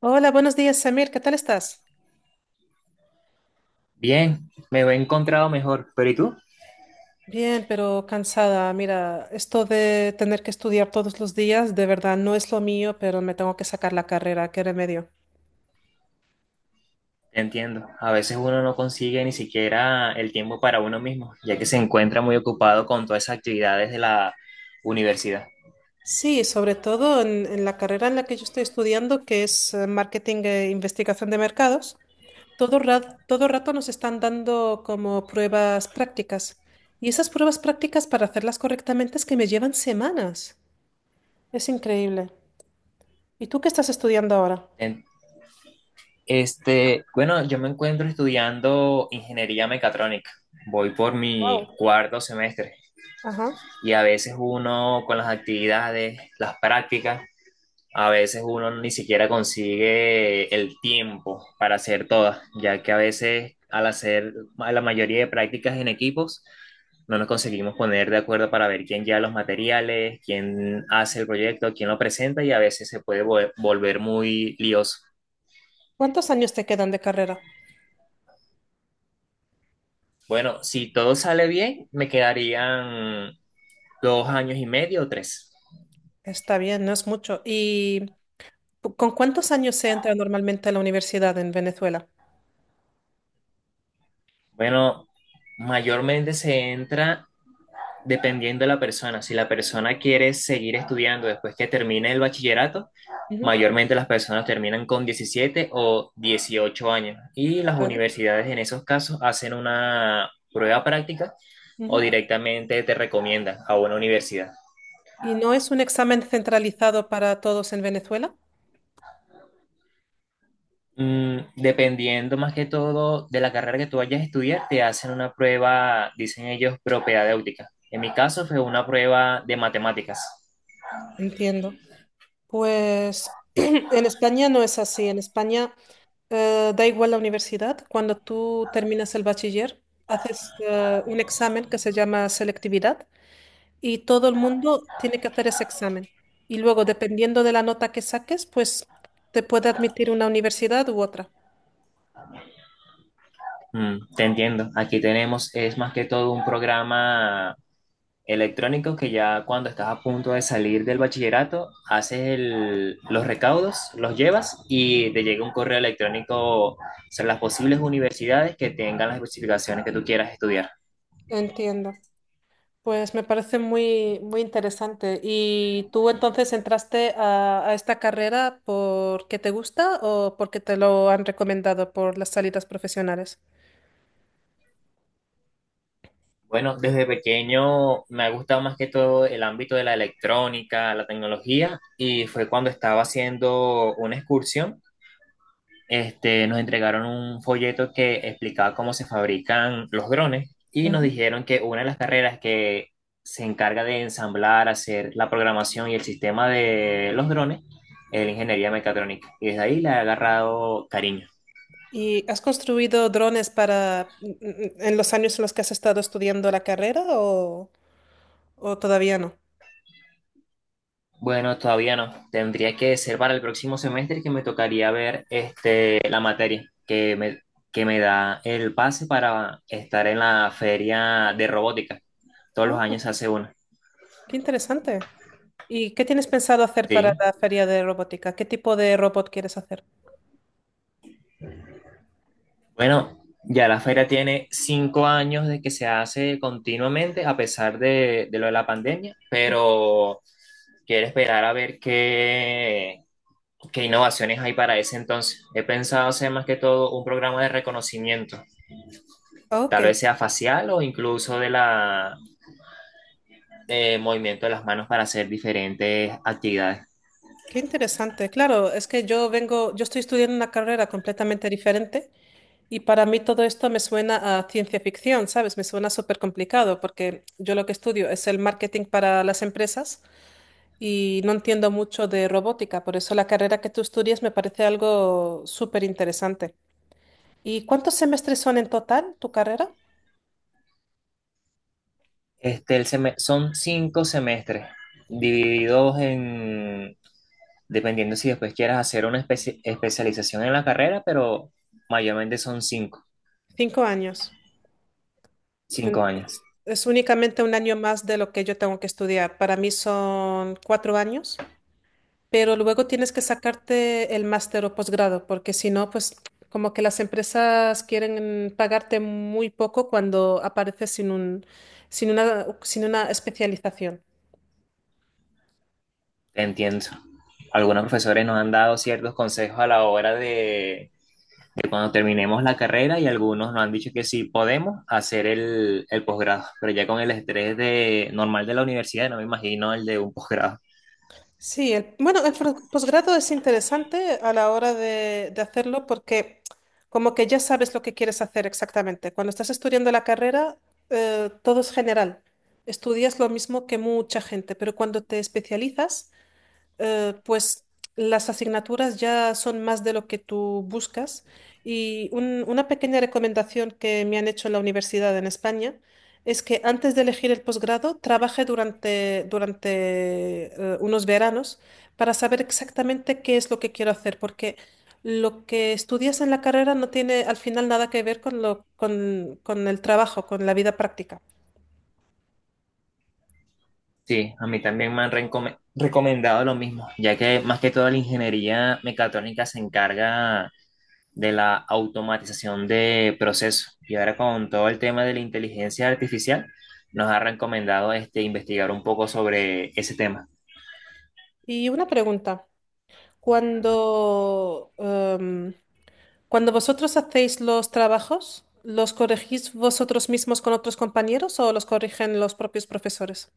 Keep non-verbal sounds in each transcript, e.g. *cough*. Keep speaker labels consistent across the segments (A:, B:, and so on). A: Hola, buenos días, Samir. ¿Qué tal estás?
B: Bien, me he encontrado mejor, pero ¿y tú?
A: Bien, pero cansada. Mira, esto de tener que estudiar todos los días, de verdad no es lo mío, pero me tengo que sacar la carrera. ¿Qué remedio?
B: Te entiendo, a veces uno no consigue ni siquiera el tiempo para uno mismo, ya que se encuentra muy ocupado con todas esas actividades de la universidad.
A: Sí, sobre todo en la carrera en la que yo estoy estudiando, que es marketing e investigación de mercados, todo rato nos están dando como pruebas prácticas. Y esas pruebas prácticas, para hacerlas correctamente, es que me llevan semanas. Es increíble. ¿Y tú qué estás estudiando ahora?
B: En- yo me encuentro estudiando ingeniería mecatrónica. Voy por mi
A: Wow.
B: cuarto semestre y a veces uno con las actividades, las prácticas. A veces uno ni siquiera consigue el tiempo para hacer todas, ya que a veces al hacer la mayoría de prácticas en equipos, no nos conseguimos poner de acuerdo para ver quién lleva los materiales, quién hace el proyecto, quién lo presenta, y a veces se puede volver muy lioso.
A: ¿Cuántos años te quedan de carrera?
B: Bueno, si todo sale bien, me quedarían dos años y medio o tres.
A: Está bien, no es mucho. ¿Y con cuántos años se entra normalmente a la universidad en Venezuela?
B: Bueno, mayormente se entra, dependiendo de la persona, si la persona quiere seguir estudiando después que termine el bachillerato,
A: Ujú.
B: mayormente las personas terminan con 17 o 18 años y las
A: ¿Vale?
B: universidades en esos casos hacen una prueba práctica, o
A: Ujú.
B: directamente te recomiendan a una universidad.
A: ¿Y no es un examen centralizado para todos en Venezuela?
B: Mm, dependiendo más que todo de la carrera que tú vayas a estudiar, te hacen una prueba, dicen ellos, propedéutica. En mi caso fue una prueba de matemáticas.
A: Entiendo. Pues *clears throat* en España no es así. En España da igual la universidad. Cuando tú terminas el bachiller, haces un examen que se llama selectividad y todo el mundo tiene que hacer ese examen. Y luego, dependiendo de la nota que saques, pues te puede admitir una universidad u otra.
B: Mm, te entiendo. Aquí tenemos, es más que todo un programa electrónico que ya cuando estás a punto de salir del bachillerato, haces los recaudos, los llevas y te llega un correo electrónico sobre las posibles universidades que tengan las especificaciones que tú quieras estudiar.
A: Entiendo. Pues me parece muy interesante. ¿Y tú entonces entraste a esta carrera porque te gusta o porque te lo han recomendado por las salidas profesionales?
B: Bueno, desde pequeño me ha gustado más que todo el ámbito de la electrónica, la tecnología, y fue cuando estaba haciendo una excursión. Nos entregaron un folleto que explicaba cómo se fabrican los drones y nos
A: Ujú.
B: dijeron que una de las carreras que se encarga de ensamblar, hacer la programación y el sistema de los drones es la ingeniería mecatrónica. Y desde ahí le he agarrado cariño.
A: ¿Y has construido drones para en los años en los que has estado estudiando la carrera o todavía no?
B: Bueno, todavía no. Tendría que ser para el próximo semestre que me tocaría ver la materia que me da el pase para estar en la feria de robótica. Todos los
A: Ah,
B: años se hace una.
A: qué interesante. ¿Y qué tienes pensado hacer para
B: Sí.
A: la feria de robótica? ¿Qué tipo de robot quieres hacer?
B: Bueno, ya la feria tiene 5 años de que se hace continuamente, a pesar de lo de la pandemia, pero quiero esperar a ver qué innovaciones hay para ese entonces. He pensado hacer más que todo un programa de reconocimiento,
A: Ok,
B: tal vez sea facial o incluso de movimiento de las manos para hacer diferentes actividades.
A: qué interesante. Claro, es que yo vengo, yo estoy estudiando una carrera completamente diferente y para mí todo esto me suena a ciencia ficción, ¿sabes? Me suena súper complicado porque yo lo que estudio es el marketing para las empresas y no entiendo mucho de robótica, por eso la carrera que tú estudias me parece algo súper interesante. ¿Y cuántos semestres son en total tu carrera?
B: Son 5 semestres divididos en, dependiendo si después quieras hacer una especialización en la carrera, pero mayormente son cinco,
A: Cinco años.
B: cinco años,
A: Entonces, es únicamente un año más de lo que yo tengo que estudiar. Para mí son cuatro años, pero luego tienes que sacarte el máster o posgrado, porque si no, pues como que las empresas quieren pagarte muy poco cuando apareces sin una especialización.
B: Te entiendo. Algunos profesores nos han dado ciertos consejos a la hora de cuando terminemos la carrera, y algunos nos han dicho que sí podemos hacer el posgrado, pero ya con el estrés normal de la universidad, no me imagino el de un posgrado.
A: Sí, bueno, posgrado es interesante a la hora de hacerlo porque como que ya sabes lo que quieres hacer exactamente. Cuando estás estudiando la carrera, todo es general. Estudias lo mismo que mucha gente, pero cuando te especializas, pues las asignaturas ya son más de lo que tú buscas y una pequeña recomendación que me han hecho en la universidad en España es que antes de elegir el posgrado trabaje durante unos veranos para saber exactamente qué es lo que quiero hacer, porque lo que estudias en la carrera no tiene al final nada que ver con el trabajo, con la vida práctica.
B: Sí, a mí también me han recomendado lo mismo, ya que más que todo la ingeniería mecatrónica se encarga de la automatización de procesos. Y ahora con todo el tema de la inteligencia artificial, nos ha recomendado investigar un poco sobre ese tema.
A: Y una pregunta. Cuando em, Cuando vosotros hacéis los trabajos, ¿los corregís vosotros mismos con otros compañeros o los corrigen los propios profesores?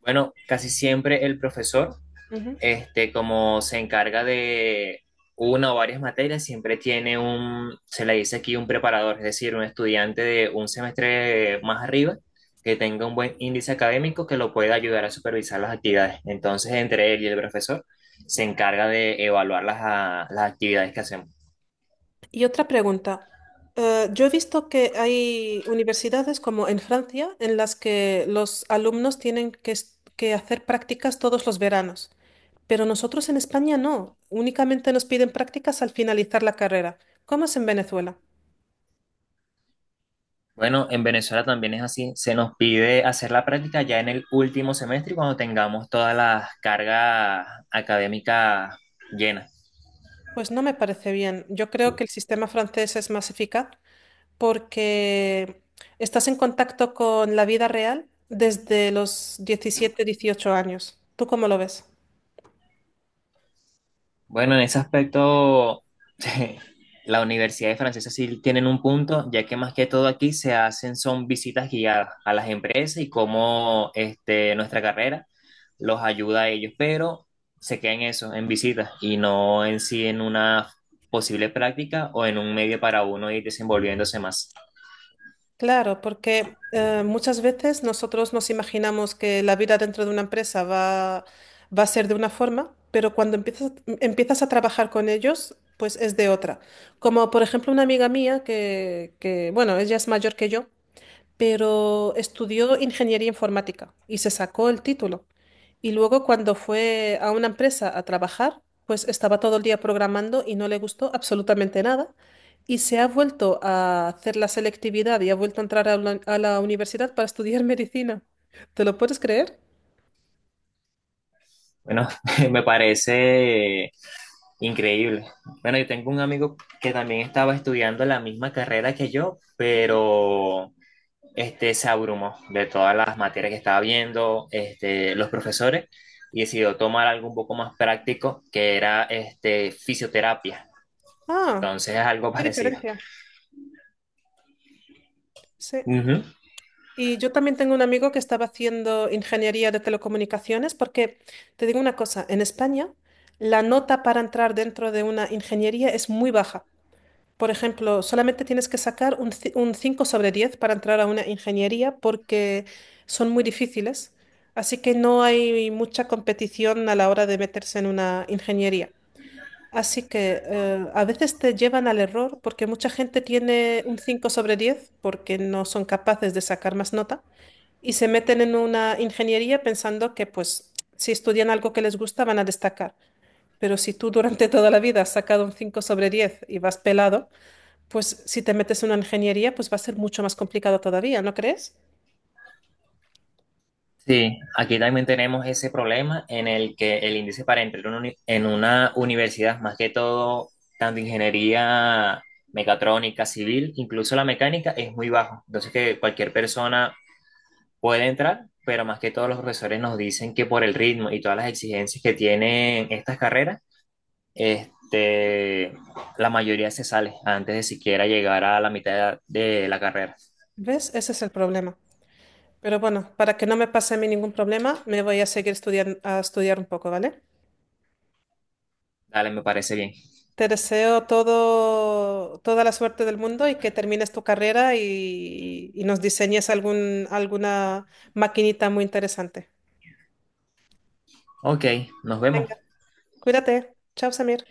B: Bueno, casi siempre el profesor,
A: Ujú.
B: como se encarga de una o varias materias, siempre tiene un, se le dice aquí un preparador, es decir, un estudiante de un semestre más arriba que tenga un buen índice académico que lo pueda ayudar a supervisar las actividades. Entonces, entre él y el profesor se encarga de evaluar las actividades que hacemos.
A: Y otra pregunta. Yo he visto que hay universidades como en Francia en las que los alumnos tienen que hacer prácticas todos los veranos, pero nosotros en España no. Únicamente nos piden prácticas al finalizar la carrera. ¿Cómo es en Venezuela?
B: Bueno, en Venezuela también es así. Se nos pide hacer la práctica ya en el último semestre y cuando tengamos todas las cargas académicas llenas.
A: Pues no me parece bien. Yo creo que el sistema francés es más eficaz porque estás en contacto con la vida real desde los 17, 18 años. ¿Tú cómo lo ves?
B: Bueno, en ese aspecto, *laughs* la Universidad de Francesa sí tienen un punto, ya que más que todo aquí se hacen son visitas guiadas a las empresas y cómo nuestra carrera los ayuda a ellos, pero se queda en eso, en visitas, y no en sí en una posible práctica o en un medio para uno ir desenvolviéndose más.
A: Claro, porque muchas veces nosotros nos imaginamos que la vida dentro de una empresa va a ser de una forma, pero cuando empiezas a trabajar con ellos, pues es de otra. Como por ejemplo una amiga mía bueno, ella es mayor que yo pero estudió ingeniería informática y se sacó el título. Y luego cuando fue a una empresa a trabajar, pues estaba todo el día programando y no le gustó absolutamente nada. Y se ha vuelto a hacer la selectividad y ha vuelto a entrar a a la universidad para estudiar *laughs* medicina. ¿Te lo puedes creer?
B: Bueno, *laughs* me parece increíble. Bueno, yo tengo un amigo que también estaba estudiando la misma carrera que yo, pero se abrumó de todas las materias que estaba viendo, los profesores, y decidió tomar algo un poco más práctico, que era fisioterapia.
A: Ah,
B: Entonces es algo *laughs*
A: qué
B: parecido.
A: diferencia. Sí.
B: Ujú.
A: Y yo también tengo un amigo que estaba haciendo ingeniería de telecomunicaciones porque, te digo una cosa, en España la nota para entrar dentro de una ingeniería es muy baja. Por ejemplo, solamente tienes que sacar un 5 sobre 10 para entrar a una ingeniería porque son muy difíciles. Así que no hay mucha competición a la hora de meterse en una ingeniería. Así que a veces te llevan al error porque mucha gente tiene un 5 sobre 10 porque no son capaces de sacar más nota y se meten en una ingeniería pensando que pues si estudian algo que les gusta van a destacar. Pero si tú durante toda la vida has sacado un 5 sobre 10 y vas pelado, pues si te metes en una ingeniería pues va a ser mucho más complicado todavía, ¿no crees?
B: Sí, aquí también tenemos ese problema en el que el índice para entrar en una en una universidad, más que todo, tanto ingeniería mecatrónica, civil, incluso la mecánica, es muy bajo. Entonces que cualquier persona puede entrar, pero más que todos los profesores nos dicen que por el ritmo y todas las exigencias que tienen estas carreras, este, la mayoría se sale antes de siquiera llegar a la mitad de la carrera.
A: ¿Ves? Ese es el problema. Pero bueno, para que no me pase a mí ningún problema, me voy a seguir estudiando, a estudiar un poco, ¿vale?
B: Dale, me parece bien.
A: Te deseo toda la suerte del mundo y que termines tu carrera y nos diseñes alguna maquinita muy interesante.
B: Ok, nos vemos.
A: Venga. Cuídate. Chao, Samir.